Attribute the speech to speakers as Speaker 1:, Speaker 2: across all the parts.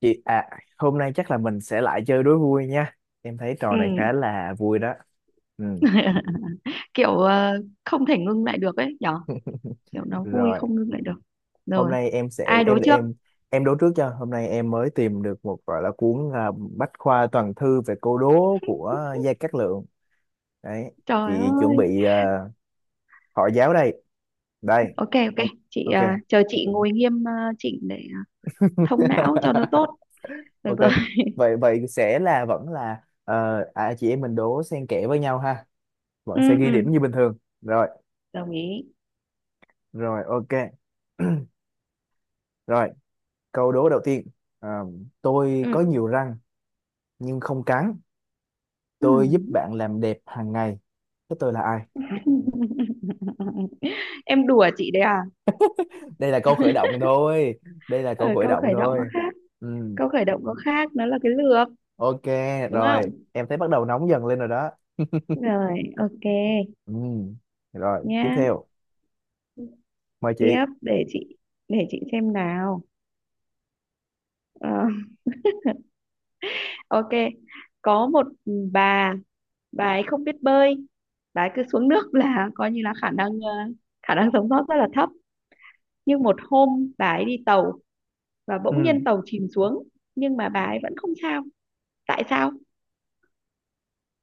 Speaker 1: Chị à, hôm nay chắc là mình sẽ lại chơi đố vui nha. Em thấy trò
Speaker 2: Ừ.
Speaker 1: này khá là vui đó. Ừ.
Speaker 2: Kiểu không thể ngưng lại được ấy nhở. Kiểu nó vui
Speaker 1: Rồi,
Speaker 2: không ngưng lại được.
Speaker 1: hôm
Speaker 2: Rồi.
Speaker 1: nay em
Speaker 2: Ai,
Speaker 1: sẽ
Speaker 2: dạ, đối trước.
Speaker 1: em đố trước cho. Hôm nay em mới tìm được một gọi là cuốn Bách khoa toàn thư về câu đố của Gia Cát Lượng. Đấy,
Speaker 2: Trời
Speaker 1: chị chuẩn
Speaker 2: ơi.
Speaker 1: bị hỏi giáo đây. Đây,
Speaker 2: Ok, ok. Chị
Speaker 1: ok.
Speaker 2: chờ chị ngồi nghiêm chỉnh để thông não cho nó tốt. Được
Speaker 1: Ok.
Speaker 2: rồi.
Speaker 1: Vậy vậy sẽ là vẫn là chị em mình đố xen kẽ với nhau ha.
Speaker 2: Ừ,
Speaker 1: Vẫn sẽ ghi
Speaker 2: ừ,
Speaker 1: điểm như bình thường. Rồi,
Speaker 2: đồng ý.
Speaker 1: rồi ok. Rồi. Câu đố đầu tiên. À, tôi
Speaker 2: Ừ,
Speaker 1: có nhiều răng nhưng không cắn.
Speaker 2: ừ.
Speaker 1: Tôi giúp bạn làm đẹp hàng ngày. Thế tôi là ai?
Speaker 2: Em đùa chị đấy à?
Speaker 1: Đây là câu khởi động thôi. Đây là
Speaker 2: Ở
Speaker 1: câu khởi
Speaker 2: câu
Speaker 1: động
Speaker 2: khởi động nó
Speaker 1: thôi.
Speaker 2: khác.
Speaker 1: Ừ,
Speaker 2: Câu khởi động nó khác, nó là cái lược,
Speaker 1: ok,
Speaker 2: đúng
Speaker 1: rồi.
Speaker 2: không?
Speaker 1: Em thấy bắt đầu nóng dần lên rồi đó.
Speaker 2: Rồi, ok.
Speaker 1: Ừ, rồi, tiếp
Speaker 2: Nhá.
Speaker 1: theo. Mời chị.
Speaker 2: Tiếp, để chị, để chị xem nào. Ờ, ok. Có một bà bà ấy không biết bơi, bà ấy cứ xuống nước là coi như là khả năng khả năng sống sót rất là thấp. Nhưng một hôm bà ấy đi tàu và bỗng
Speaker 1: Ừ.
Speaker 2: nhiên tàu chìm xuống, nhưng mà bà ấy vẫn không sao. Tại sao?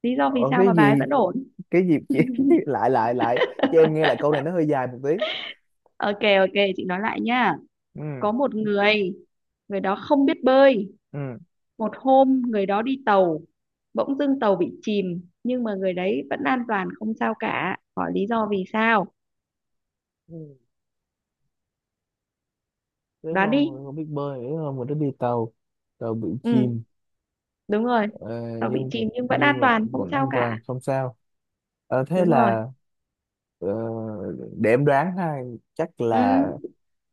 Speaker 2: Lý do vì
Speaker 1: Ủa,
Speaker 2: sao
Speaker 1: cái
Speaker 2: mà bà ấy
Speaker 1: gì?
Speaker 2: vẫn ổn?
Speaker 1: Cái gì chị? Lại, lại, lại. Cho em nghe lại câu này nó hơi dài một tí.
Speaker 2: Ok, ok, chị nói lại nha.
Speaker 1: Ừ,
Speaker 2: Có một người, người đó không biết bơi,
Speaker 1: ừ.
Speaker 2: một hôm người đó đi tàu, bỗng dưng tàu bị chìm, nhưng mà người đấy vẫn an toàn không sao cả, hỏi lý do vì sao?
Speaker 1: Ừ. Thế hôm
Speaker 2: Đoán đi.
Speaker 1: rồi không biết bơi, thế hôm rồi nó đi tàu, tàu bị
Speaker 2: Ừ,
Speaker 1: chìm.
Speaker 2: đúng rồi.
Speaker 1: Ờ,
Speaker 2: Tàu bị
Speaker 1: nhưng
Speaker 2: chìm nhưng vẫn an
Speaker 1: nhưng mà
Speaker 2: toàn không
Speaker 1: vẫn
Speaker 2: sao
Speaker 1: an
Speaker 2: cả.
Speaker 1: toàn không sao. Thế
Speaker 2: Đúng rồi.
Speaker 1: là ờ, để em đoán ha, chắc
Speaker 2: Ừ.
Speaker 1: là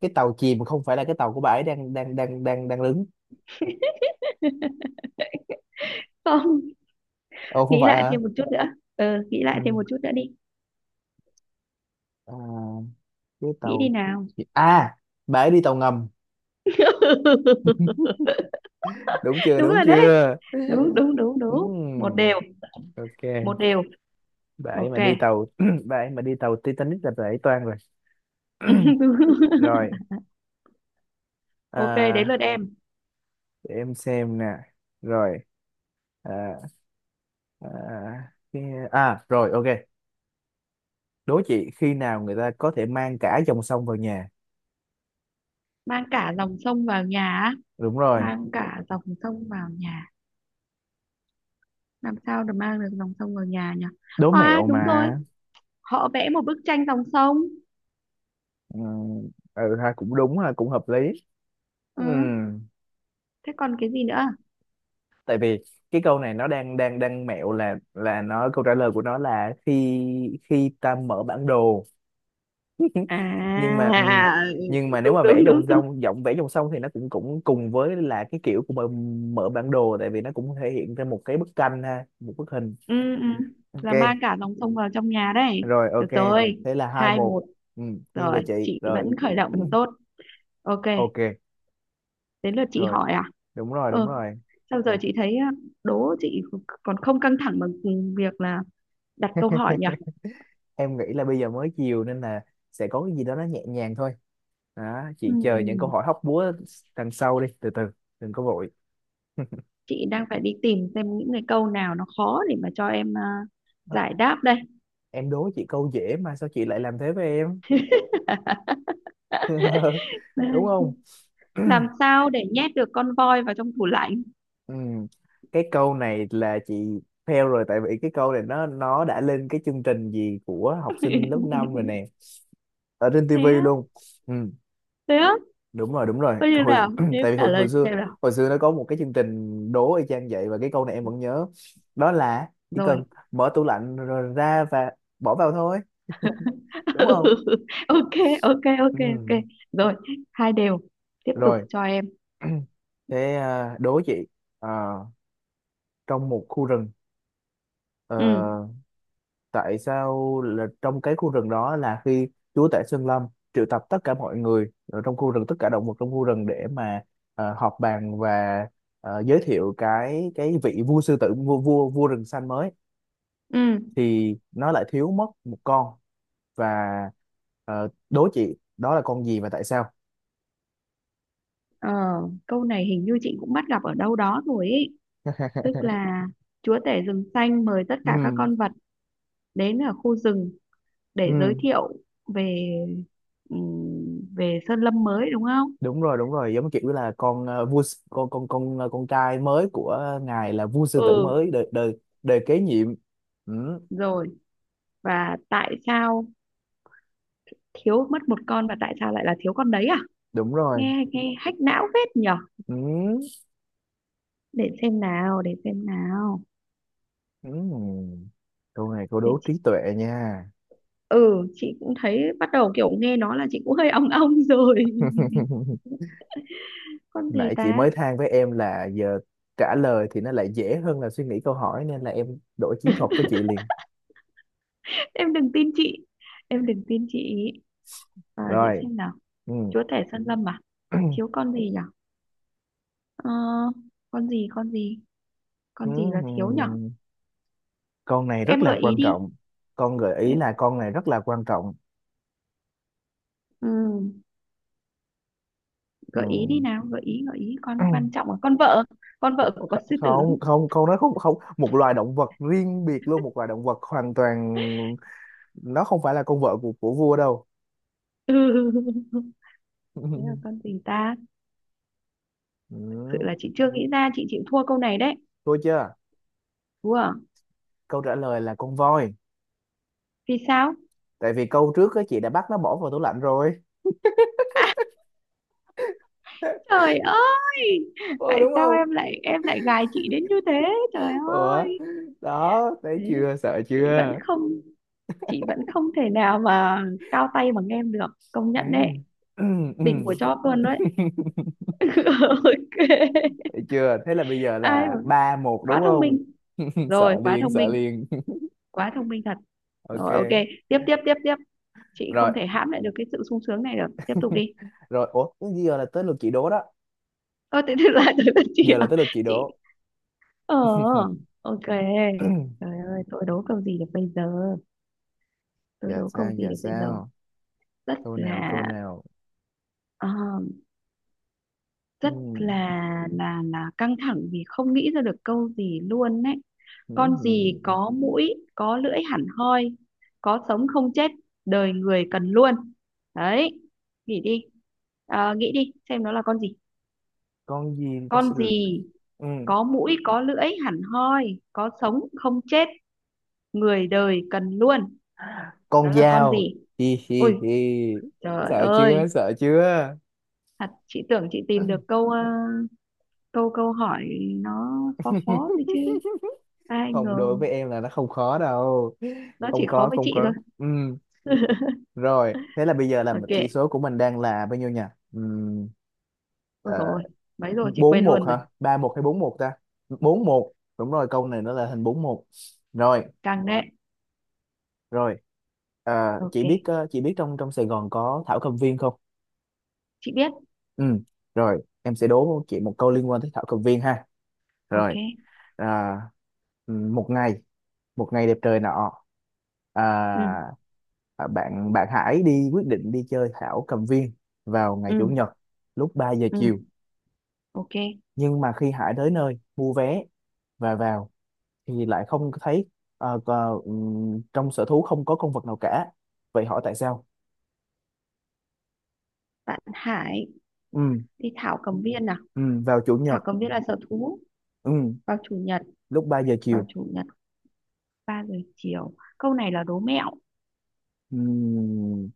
Speaker 1: cái tàu chìm không phải là cái tàu của bà ấy đang đang đang đang đang đứng.
Speaker 2: Không,
Speaker 1: Ồ, không
Speaker 2: nghĩ
Speaker 1: phải
Speaker 2: lại
Speaker 1: hả?
Speaker 2: thêm một chút nữa. Ừ, nghĩ lại thêm
Speaker 1: Ừ.
Speaker 2: một chút nữa đi.
Speaker 1: à, cái
Speaker 2: Nghĩ
Speaker 1: tàu
Speaker 2: đi nào.
Speaker 1: chi- à bà ấy đi tàu ngầm. Đúng chưa,
Speaker 2: Đúng
Speaker 1: đúng
Speaker 2: rồi đấy.
Speaker 1: chưa?
Speaker 2: Đúng, đúng, đúng, đúng, một
Speaker 1: Ừm,
Speaker 2: đều
Speaker 1: ok,
Speaker 2: 1 đều.
Speaker 1: bà ấy
Speaker 2: Ok.
Speaker 1: mà đi tàu bà ấy mà đi tàu Titanic là bà ấy toang rồi.
Speaker 2: Đúng.
Speaker 1: Rồi.
Speaker 2: Ok, đến lượt
Speaker 1: à,
Speaker 2: em.
Speaker 1: để em xem nè. Rồi. à, à, cái- rồi ok. Đố chị khi nào người ta có thể mang cả dòng sông vào nhà?
Speaker 2: Mang cả dòng sông vào nhà á?
Speaker 1: Đúng rồi,
Speaker 2: Mang cả dòng sông vào nhà, làm sao được mang được dòng sông vào nhà nhỉ?
Speaker 1: đố
Speaker 2: À,
Speaker 1: mẹo mà.
Speaker 2: đúng rồi, họ vẽ một bức tranh dòng sông.
Speaker 1: Ừ, ừ ha, cũng đúng ha, cũng hợp lý.
Speaker 2: Ừ.
Speaker 1: Ừ.
Speaker 2: Thế còn cái gì nữa?
Speaker 1: Tại vì cái câu này nó đang đang đang mẹo là nó câu trả lời của nó là khi khi ta mở bản đồ. Nhưng mà ừ,
Speaker 2: À,
Speaker 1: nhưng mà nếu
Speaker 2: đúng,
Speaker 1: mà
Speaker 2: đúng, đúng, đúng.
Speaker 1: vẽ dòng sông thì nó cũng cũng cùng với là cái kiểu của mở, mở bản đồ, tại vì nó cũng thể hiện ra một cái bức tranh ha, một bức hình.
Speaker 2: Ừ, ừ.
Speaker 1: Ok.
Speaker 2: Là mang cả dòng sông vào trong nhà đấy.
Speaker 1: Rồi
Speaker 2: Được
Speaker 1: ok,
Speaker 2: rồi.
Speaker 1: thế là hai
Speaker 2: hai
Speaker 1: một
Speaker 2: một
Speaker 1: Ừ, nghiêng
Speaker 2: Rồi,
Speaker 1: về chị.
Speaker 2: chị vẫn
Speaker 1: Rồi.
Speaker 2: khởi động tốt. Ok,
Speaker 1: Ok.
Speaker 2: đến lượt chị
Speaker 1: Rồi,
Speaker 2: hỏi à?
Speaker 1: đúng rồi, đúng
Speaker 2: ờ
Speaker 1: rồi.
Speaker 2: Sao giờ? Ok, chị thấy á, đố chị, còn không căng thẳng bằng việc là đặt câu hỏi nhỉ.
Speaker 1: Em nghĩ là bây giờ mới chiều nên là sẽ có cái gì đó nó nhẹ nhàng thôi đó, chị chờ những câu
Speaker 2: Ừm,
Speaker 1: hỏi hóc búa đằng sau đi, từ từ, đừng có vội.
Speaker 2: chị đang phải đi tìm xem những cái câu nào nó khó để mà cho em, à, giải đáp đây.
Speaker 1: Em đố chị câu dễ mà sao chị lại làm thế với em? Đúng không?
Speaker 2: Làm sao để nhét được con voi vào trong tủ lạnh?
Speaker 1: Ừm, cái câu này là chị fail rồi, tại vì cái câu này nó đã lên cái chương trình gì của học sinh lớp 5 rồi nè, ở trên
Speaker 2: Thế
Speaker 1: tivi
Speaker 2: á?
Speaker 1: luôn. Ừ.
Speaker 2: Thế á?
Speaker 1: Đúng rồi, đúng rồi,
Speaker 2: Có như
Speaker 1: hồi
Speaker 2: nào? Nếu
Speaker 1: tại vì hồi
Speaker 2: trả
Speaker 1: hồi
Speaker 2: lời
Speaker 1: xưa,
Speaker 2: xem nào.
Speaker 1: hồi xưa nó có một cái chương trình đố y chang vậy, và cái câu này em vẫn nhớ, đó là chỉ cần
Speaker 2: Rồi.
Speaker 1: mở tủ lạnh rồi ra và bỏ vào thôi, đúng không?
Speaker 2: Ok, ok,
Speaker 1: Ừ.
Speaker 2: ok, ok. Rồi, 2 đều. Tiếp tục
Speaker 1: Rồi.
Speaker 2: cho em.
Speaker 1: Thế đố chị. Ờ, trong một khu rừng, ờ,
Speaker 2: Ừ,
Speaker 1: tại sao là trong cái khu rừng đó là khi Chúa Tể Sơn Lâm triệu tập tất cả mọi người ở trong khu rừng, tất cả động vật trong khu rừng, để mà họp bàn và giới thiệu cái vị vua sư tử vua vua vua rừng xanh mới,
Speaker 2: ừ.
Speaker 1: thì nó lại thiếu mất một con. Và đố chị đó là con gì và tại sao?
Speaker 2: Ờ, Câu này hình như chị cũng bắt gặp ở đâu đó rồi ý. Tức là chúa tể rừng xanh mời tất cả các
Speaker 1: Ừ.
Speaker 2: con vật đến ở khu rừng để giới
Speaker 1: Ừ,
Speaker 2: thiệu về về sơn lâm mới, đúng không?
Speaker 1: đúng rồi, đúng rồi, giống kiểu là con ờ, vua s- con ờ, con trai mới của ngài là vua sư
Speaker 2: Ừ,
Speaker 1: tử
Speaker 2: ừ,
Speaker 1: mới, đời đời đời kế nhiệm. Ừ.
Speaker 2: rồi. Và tại sao thiếu mất một con và tại sao lại là thiếu con đấy à?
Speaker 1: Đúng rồi.
Speaker 2: Nghe, nghe hack não phết nhỉ?
Speaker 1: Ừ,
Speaker 2: Để xem nào, để xem nào.
Speaker 1: ừ. Câu này câu
Speaker 2: Để
Speaker 1: đố
Speaker 2: chị.
Speaker 1: trí tuệ nha.
Speaker 2: Ừ, chị cũng thấy bắt đầu kiểu nghe nó là chị cũng hơi ong ong rồi. Con gì
Speaker 1: Nãy chị
Speaker 2: ta?
Speaker 1: mới than với em là giờ trả lời thì nó lại dễ hơn là suy nghĩ câu hỏi, nên là em đổi chiến thuật với chị liền.
Speaker 2: Em đừng tin chị, em đừng tin chị. Chị
Speaker 1: Rồi.
Speaker 2: xem nào.
Speaker 1: Ừ.
Speaker 2: Chúa tể sơn lâm à? Thiếu con gì nhở? Ờ, con gì, con gì,
Speaker 1: Ừ.
Speaker 2: con gì là thiếu nhở?
Speaker 1: Con này rất
Speaker 2: Em
Speaker 1: là
Speaker 2: gợi ý
Speaker 1: quan
Speaker 2: đi.
Speaker 1: trọng. Con gợi ý
Speaker 2: Em,
Speaker 1: là con này rất là quan trọng.
Speaker 2: ừ,
Speaker 1: Ừ.
Speaker 2: gợi ý đi nào, gợi ý, gợi ý con quan trọng là con vợ, con vợ của con sư tử.
Speaker 1: Không, không, con nó không không một loài động vật riêng biệt luôn, một loài động vật hoàn toàn, nó không phải là con vợ của vua đâu.
Speaker 2: Ừ. Thế là con gì ta? Thực sự
Speaker 1: Ừ.
Speaker 2: là chị chưa nghĩ ra, chị chịu thua câu này đấy.
Speaker 1: Thôi chưa?
Speaker 2: Ủa,
Speaker 1: Câu trả lời là con voi,
Speaker 2: vì sao?
Speaker 1: tại vì câu trước á chị đã bắt nó bỏ vào tủ lạnh rồi.
Speaker 2: Trời ơi,
Speaker 1: Ôi,
Speaker 2: tại
Speaker 1: đúng
Speaker 2: sao
Speaker 1: không?
Speaker 2: em lại gài chị đến như thế? Trời
Speaker 1: Ủa.
Speaker 2: ơi,
Speaker 1: Đó, thấy
Speaker 2: thế
Speaker 1: chưa, sợ
Speaker 2: chị vẫn
Speaker 1: chưa?
Speaker 2: không chị vẫn không thể nào mà cao tay bằng em được, công
Speaker 1: Ừ.
Speaker 2: nhận đấy,
Speaker 1: Ừ, ừ.
Speaker 2: đỉnh của chóp luôn đấy. Ok,
Speaker 1: Thấy chưa, thế là bây giờ
Speaker 2: ai mà
Speaker 1: là 3-1
Speaker 2: quá
Speaker 1: đúng
Speaker 2: thông
Speaker 1: không?
Speaker 2: minh, rồi
Speaker 1: Sợ liền, sợ liền.
Speaker 2: quá thông minh thật.
Speaker 1: Ok.
Speaker 2: Rồi ok, tiếp, tiếp, tiếp, tiếp, chị
Speaker 1: Rồi,
Speaker 2: không thể hãm lại được cái sự sung sướng này được, tiếp tục đi.
Speaker 1: rồi, ủa, giờ là tới lượt chị đố đó.
Speaker 2: Ơ thế thì là tới lượt chị
Speaker 1: Giờ là
Speaker 2: à?
Speaker 1: tới lượt chị
Speaker 2: Chị.
Speaker 1: đố.
Speaker 2: Ờ, ok. Trời ơi, tôi đố câu gì được bây giờ? Tôi
Speaker 1: Giờ
Speaker 2: đố câu
Speaker 1: sao,
Speaker 2: gì
Speaker 1: giờ
Speaker 2: được bây giờ?
Speaker 1: sao?
Speaker 2: Rất
Speaker 1: Câu nào, câu
Speaker 2: là
Speaker 1: nào?
Speaker 2: ờ,
Speaker 1: Ừ.
Speaker 2: Rất là căng thẳng vì không nghĩ ra được câu gì luôn đấy.
Speaker 1: Ừ.
Speaker 2: Con gì
Speaker 1: Ừ.
Speaker 2: có mũi, có lưỡi hẳn hoi, có sống không chết, đời người cần luôn. Đấy, nghĩ đi. Nghĩ đi, xem nó là con gì.
Speaker 1: Con gì ta? Sẽ.
Speaker 2: Con gì
Speaker 1: Ừ.
Speaker 2: có mũi, có lưỡi hẳn hoi, có sống không chết, người đời cần luôn.
Speaker 1: Con
Speaker 2: Đó là con
Speaker 1: dao.
Speaker 2: gì?
Speaker 1: Hi hi
Speaker 2: Ôi,
Speaker 1: hi.
Speaker 2: trời
Speaker 1: Sợ chưa,
Speaker 2: ơi,
Speaker 1: sợ chưa?
Speaker 2: thật chị tưởng chị tìm được câu câu câu hỏi nó khó khó thôi chứ. Ai
Speaker 1: Không,
Speaker 2: ngờ
Speaker 1: đối với em là nó không khó đâu.
Speaker 2: nó
Speaker 1: Không
Speaker 2: chỉ khó
Speaker 1: khó,
Speaker 2: với
Speaker 1: không
Speaker 2: chị thôi.
Speaker 1: khó. Ừ. Rồi, thế là bây giờ là chỉ
Speaker 2: Ok.
Speaker 1: số của mình đang là bao nhiêu nhỉ? Ừ.
Speaker 2: Ôi rồi, mấy rồi chị
Speaker 1: bốn
Speaker 2: quên
Speaker 1: một
Speaker 2: luôn rồi.
Speaker 1: hả, 3-1 hay 4-1 ta? 4-1, đúng rồi, câu này nó là hình 4-1. Rồi.
Speaker 2: Căng đấy.
Speaker 1: Rồi. Chị
Speaker 2: Ok,
Speaker 1: biết chị biết trong trong Sài Gòn có Thảo Cầm Viên không?
Speaker 2: chị biết.
Speaker 1: Ừ. Rồi, em sẽ đố chị một câu liên quan tới Thảo Cầm Viên ha.
Speaker 2: Ok.
Speaker 1: Rồi. à, một ngày, một ngày đẹp trời nọ,
Speaker 2: Ừ,
Speaker 1: à, à, bạn bạn Hải quyết định đi chơi thảo cầm viên vào ngày
Speaker 2: ừ,
Speaker 1: chủ nhật lúc ba giờ
Speaker 2: ừ.
Speaker 1: chiều
Speaker 2: Ok.
Speaker 1: Nhưng mà khi Hải tới nơi mua vé và vào thì lại không thấy trong sở thú không có con vật nào cả. Vậy hỏi tại sao?
Speaker 2: Bạn Hải
Speaker 1: Ừ.
Speaker 2: đi Thảo Cầm Viên nào.
Speaker 1: Ừ, vào chủ
Speaker 2: Thảo
Speaker 1: nhật.
Speaker 2: Cầm Viên là sở thú,
Speaker 1: Ừ,
Speaker 2: vào chủ nhật,
Speaker 1: lúc ba giờ
Speaker 2: vào
Speaker 1: chiều
Speaker 2: chủ nhật 3 giờ chiều. Câu này là đố mẹo.
Speaker 1: Ừ,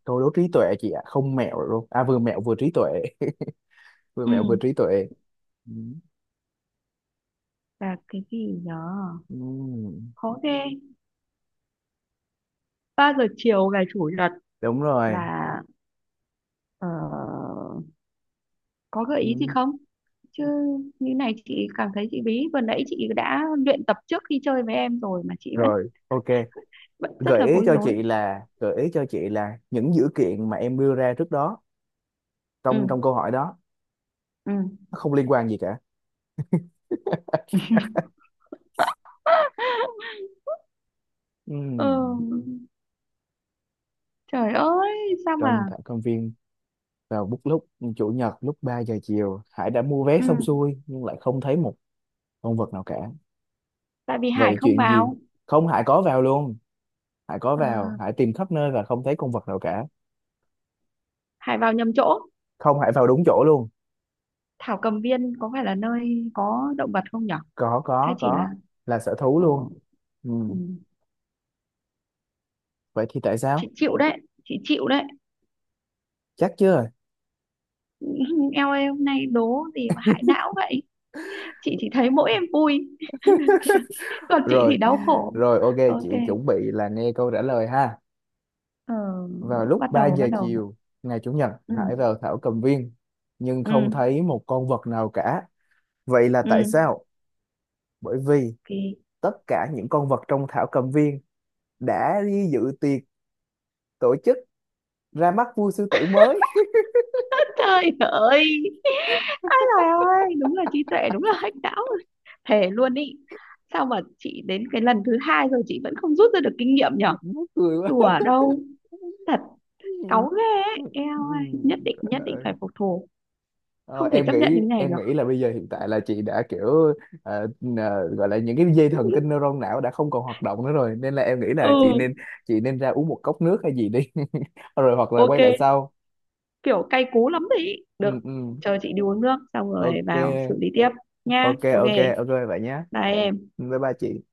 Speaker 1: tôi đố trí tuệ chị ạ, không mẹo luôn à, vừa mẹo vừa trí tuệ. Vừa
Speaker 2: Ừ,
Speaker 1: mẹo vừa trí tuệ.
Speaker 2: và cái gì nhở?
Speaker 1: Ừm,
Speaker 2: Khó ghê. 3 giờ chiều ngày chủ nhật
Speaker 1: đúng rồi.
Speaker 2: là, Ờ, có gợi ý gì
Speaker 1: Ừm,
Speaker 2: không? Chứ như này chị cảm thấy chị bí. Vừa nãy chị đã luyện tập trước khi chơi với em rồi mà chị vẫn,
Speaker 1: rồi ok,
Speaker 2: vẫn rất
Speaker 1: gợi
Speaker 2: là
Speaker 1: ý
Speaker 2: bối
Speaker 1: cho
Speaker 2: rối.
Speaker 1: chị là, gợi ý cho chị là những dữ kiện mà em đưa ra trước đó trong
Speaker 2: Ừ,
Speaker 1: trong câu hỏi đó
Speaker 2: ừ.
Speaker 1: nó không liên quan gì cả.
Speaker 2: Ờ,
Speaker 1: Ừm,
Speaker 2: Trời ơi, sao
Speaker 1: trong
Speaker 2: mà?
Speaker 1: thảo công viên vào lúc chủ nhật lúc 3 giờ chiều, Hải đã mua vé
Speaker 2: Ừ,
Speaker 1: xong xuôi nhưng lại không thấy một con vật nào cả.
Speaker 2: tại vì Hải
Speaker 1: Vậy
Speaker 2: không
Speaker 1: chuyện gì?
Speaker 2: vào.
Speaker 1: Không, Hải có vào luôn. Hải có
Speaker 2: Ờ,
Speaker 1: vào, Hải tìm khắp nơi và không thấy con vật nào cả.
Speaker 2: Hải vào nhầm chỗ.
Speaker 1: Không, Hải vào đúng chỗ luôn.
Speaker 2: Thảo Cầm Viên có phải là nơi có động vật không nhở?
Speaker 1: có
Speaker 2: Hay
Speaker 1: có
Speaker 2: chỉ là
Speaker 1: có là sở thú
Speaker 2: ờ,
Speaker 1: luôn.
Speaker 2: ừ,
Speaker 1: Ừm, vậy thì tại
Speaker 2: chị
Speaker 1: sao?
Speaker 2: chịu đấy, chị chịu đấy.
Speaker 1: Chắc chưa?
Speaker 2: Eo ơi, hôm nay đố gì mà hại não vậy? Chị chỉ thấy mỗi em vui. Còn chị thì
Speaker 1: Rồi.
Speaker 2: đau khổ.
Speaker 1: Rồi ok,
Speaker 2: Ok.
Speaker 1: chị chuẩn bị là nghe câu trả lời ha.
Speaker 2: ờ,
Speaker 1: Vào lúc
Speaker 2: Bắt
Speaker 1: 3
Speaker 2: đầu, bắt
Speaker 1: giờ
Speaker 2: đầu.
Speaker 1: chiều ngày chủ nhật, Hải
Speaker 2: Ừ,
Speaker 1: vào thảo cầm viên nhưng không
Speaker 2: ừ,
Speaker 1: thấy một con vật nào cả. Vậy là tại
Speaker 2: ừ.
Speaker 1: sao? Bởi vì
Speaker 2: Ok.
Speaker 1: tất cả những con vật trong thảo cầm viên đã đi dự tiệc tổ chức ra mắt vua sư tử mới.
Speaker 2: Trời ơi, ai là ơi đúng là trí tuệ, đúng là hack não rồi. Thề luôn ý. Sao mà chị đến cái lần thứ hai rồi chị vẫn không rút ra được kinh nghiệm nhở?
Speaker 1: Mắc cười
Speaker 2: Đùa
Speaker 1: quá.
Speaker 2: đâu. Thật. Cáu ghê ấy, eo ơi, nhất định, nhất định phải phục thù.
Speaker 1: Ờ,
Speaker 2: Không thể
Speaker 1: em
Speaker 2: chấp nhận
Speaker 1: nghĩ,
Speaker 2: như này
Speaker 1: em
Speaker 2: được.
Speaker 1: nghĩ là bây giờ hiện tại là chị đã kiểu ờ, gọi là những cái dây thần kinh neuron não đã không còn hoạt động nữa rồi, nên là em nghĩ là chị nên,
Speaker 2: Ừ,
Speaker 1: chị nên ra uống một cốc nước hay gì đi. Rồi hoặc là quay lại
Speaker 2: ok.
Speaker 1: sau.
Speaker 2: Kiểu cay cú lắm đấy ý.
Speaker 1: Ừ,
Speaker 2: Được.
Speaker 1: ừ.
Speaker 2: Chờ chị đi uống nước xong rồi
Speaker 1: Ok,
Speaker 2: vào xử lý tiếp. Nha,
Speaker 1: ok,
Speaker 2: ok.
Speaker 1: ok, ok, vậy nhé.
Speaker 2: Bye em.
Speaker 1: Bye bye chị.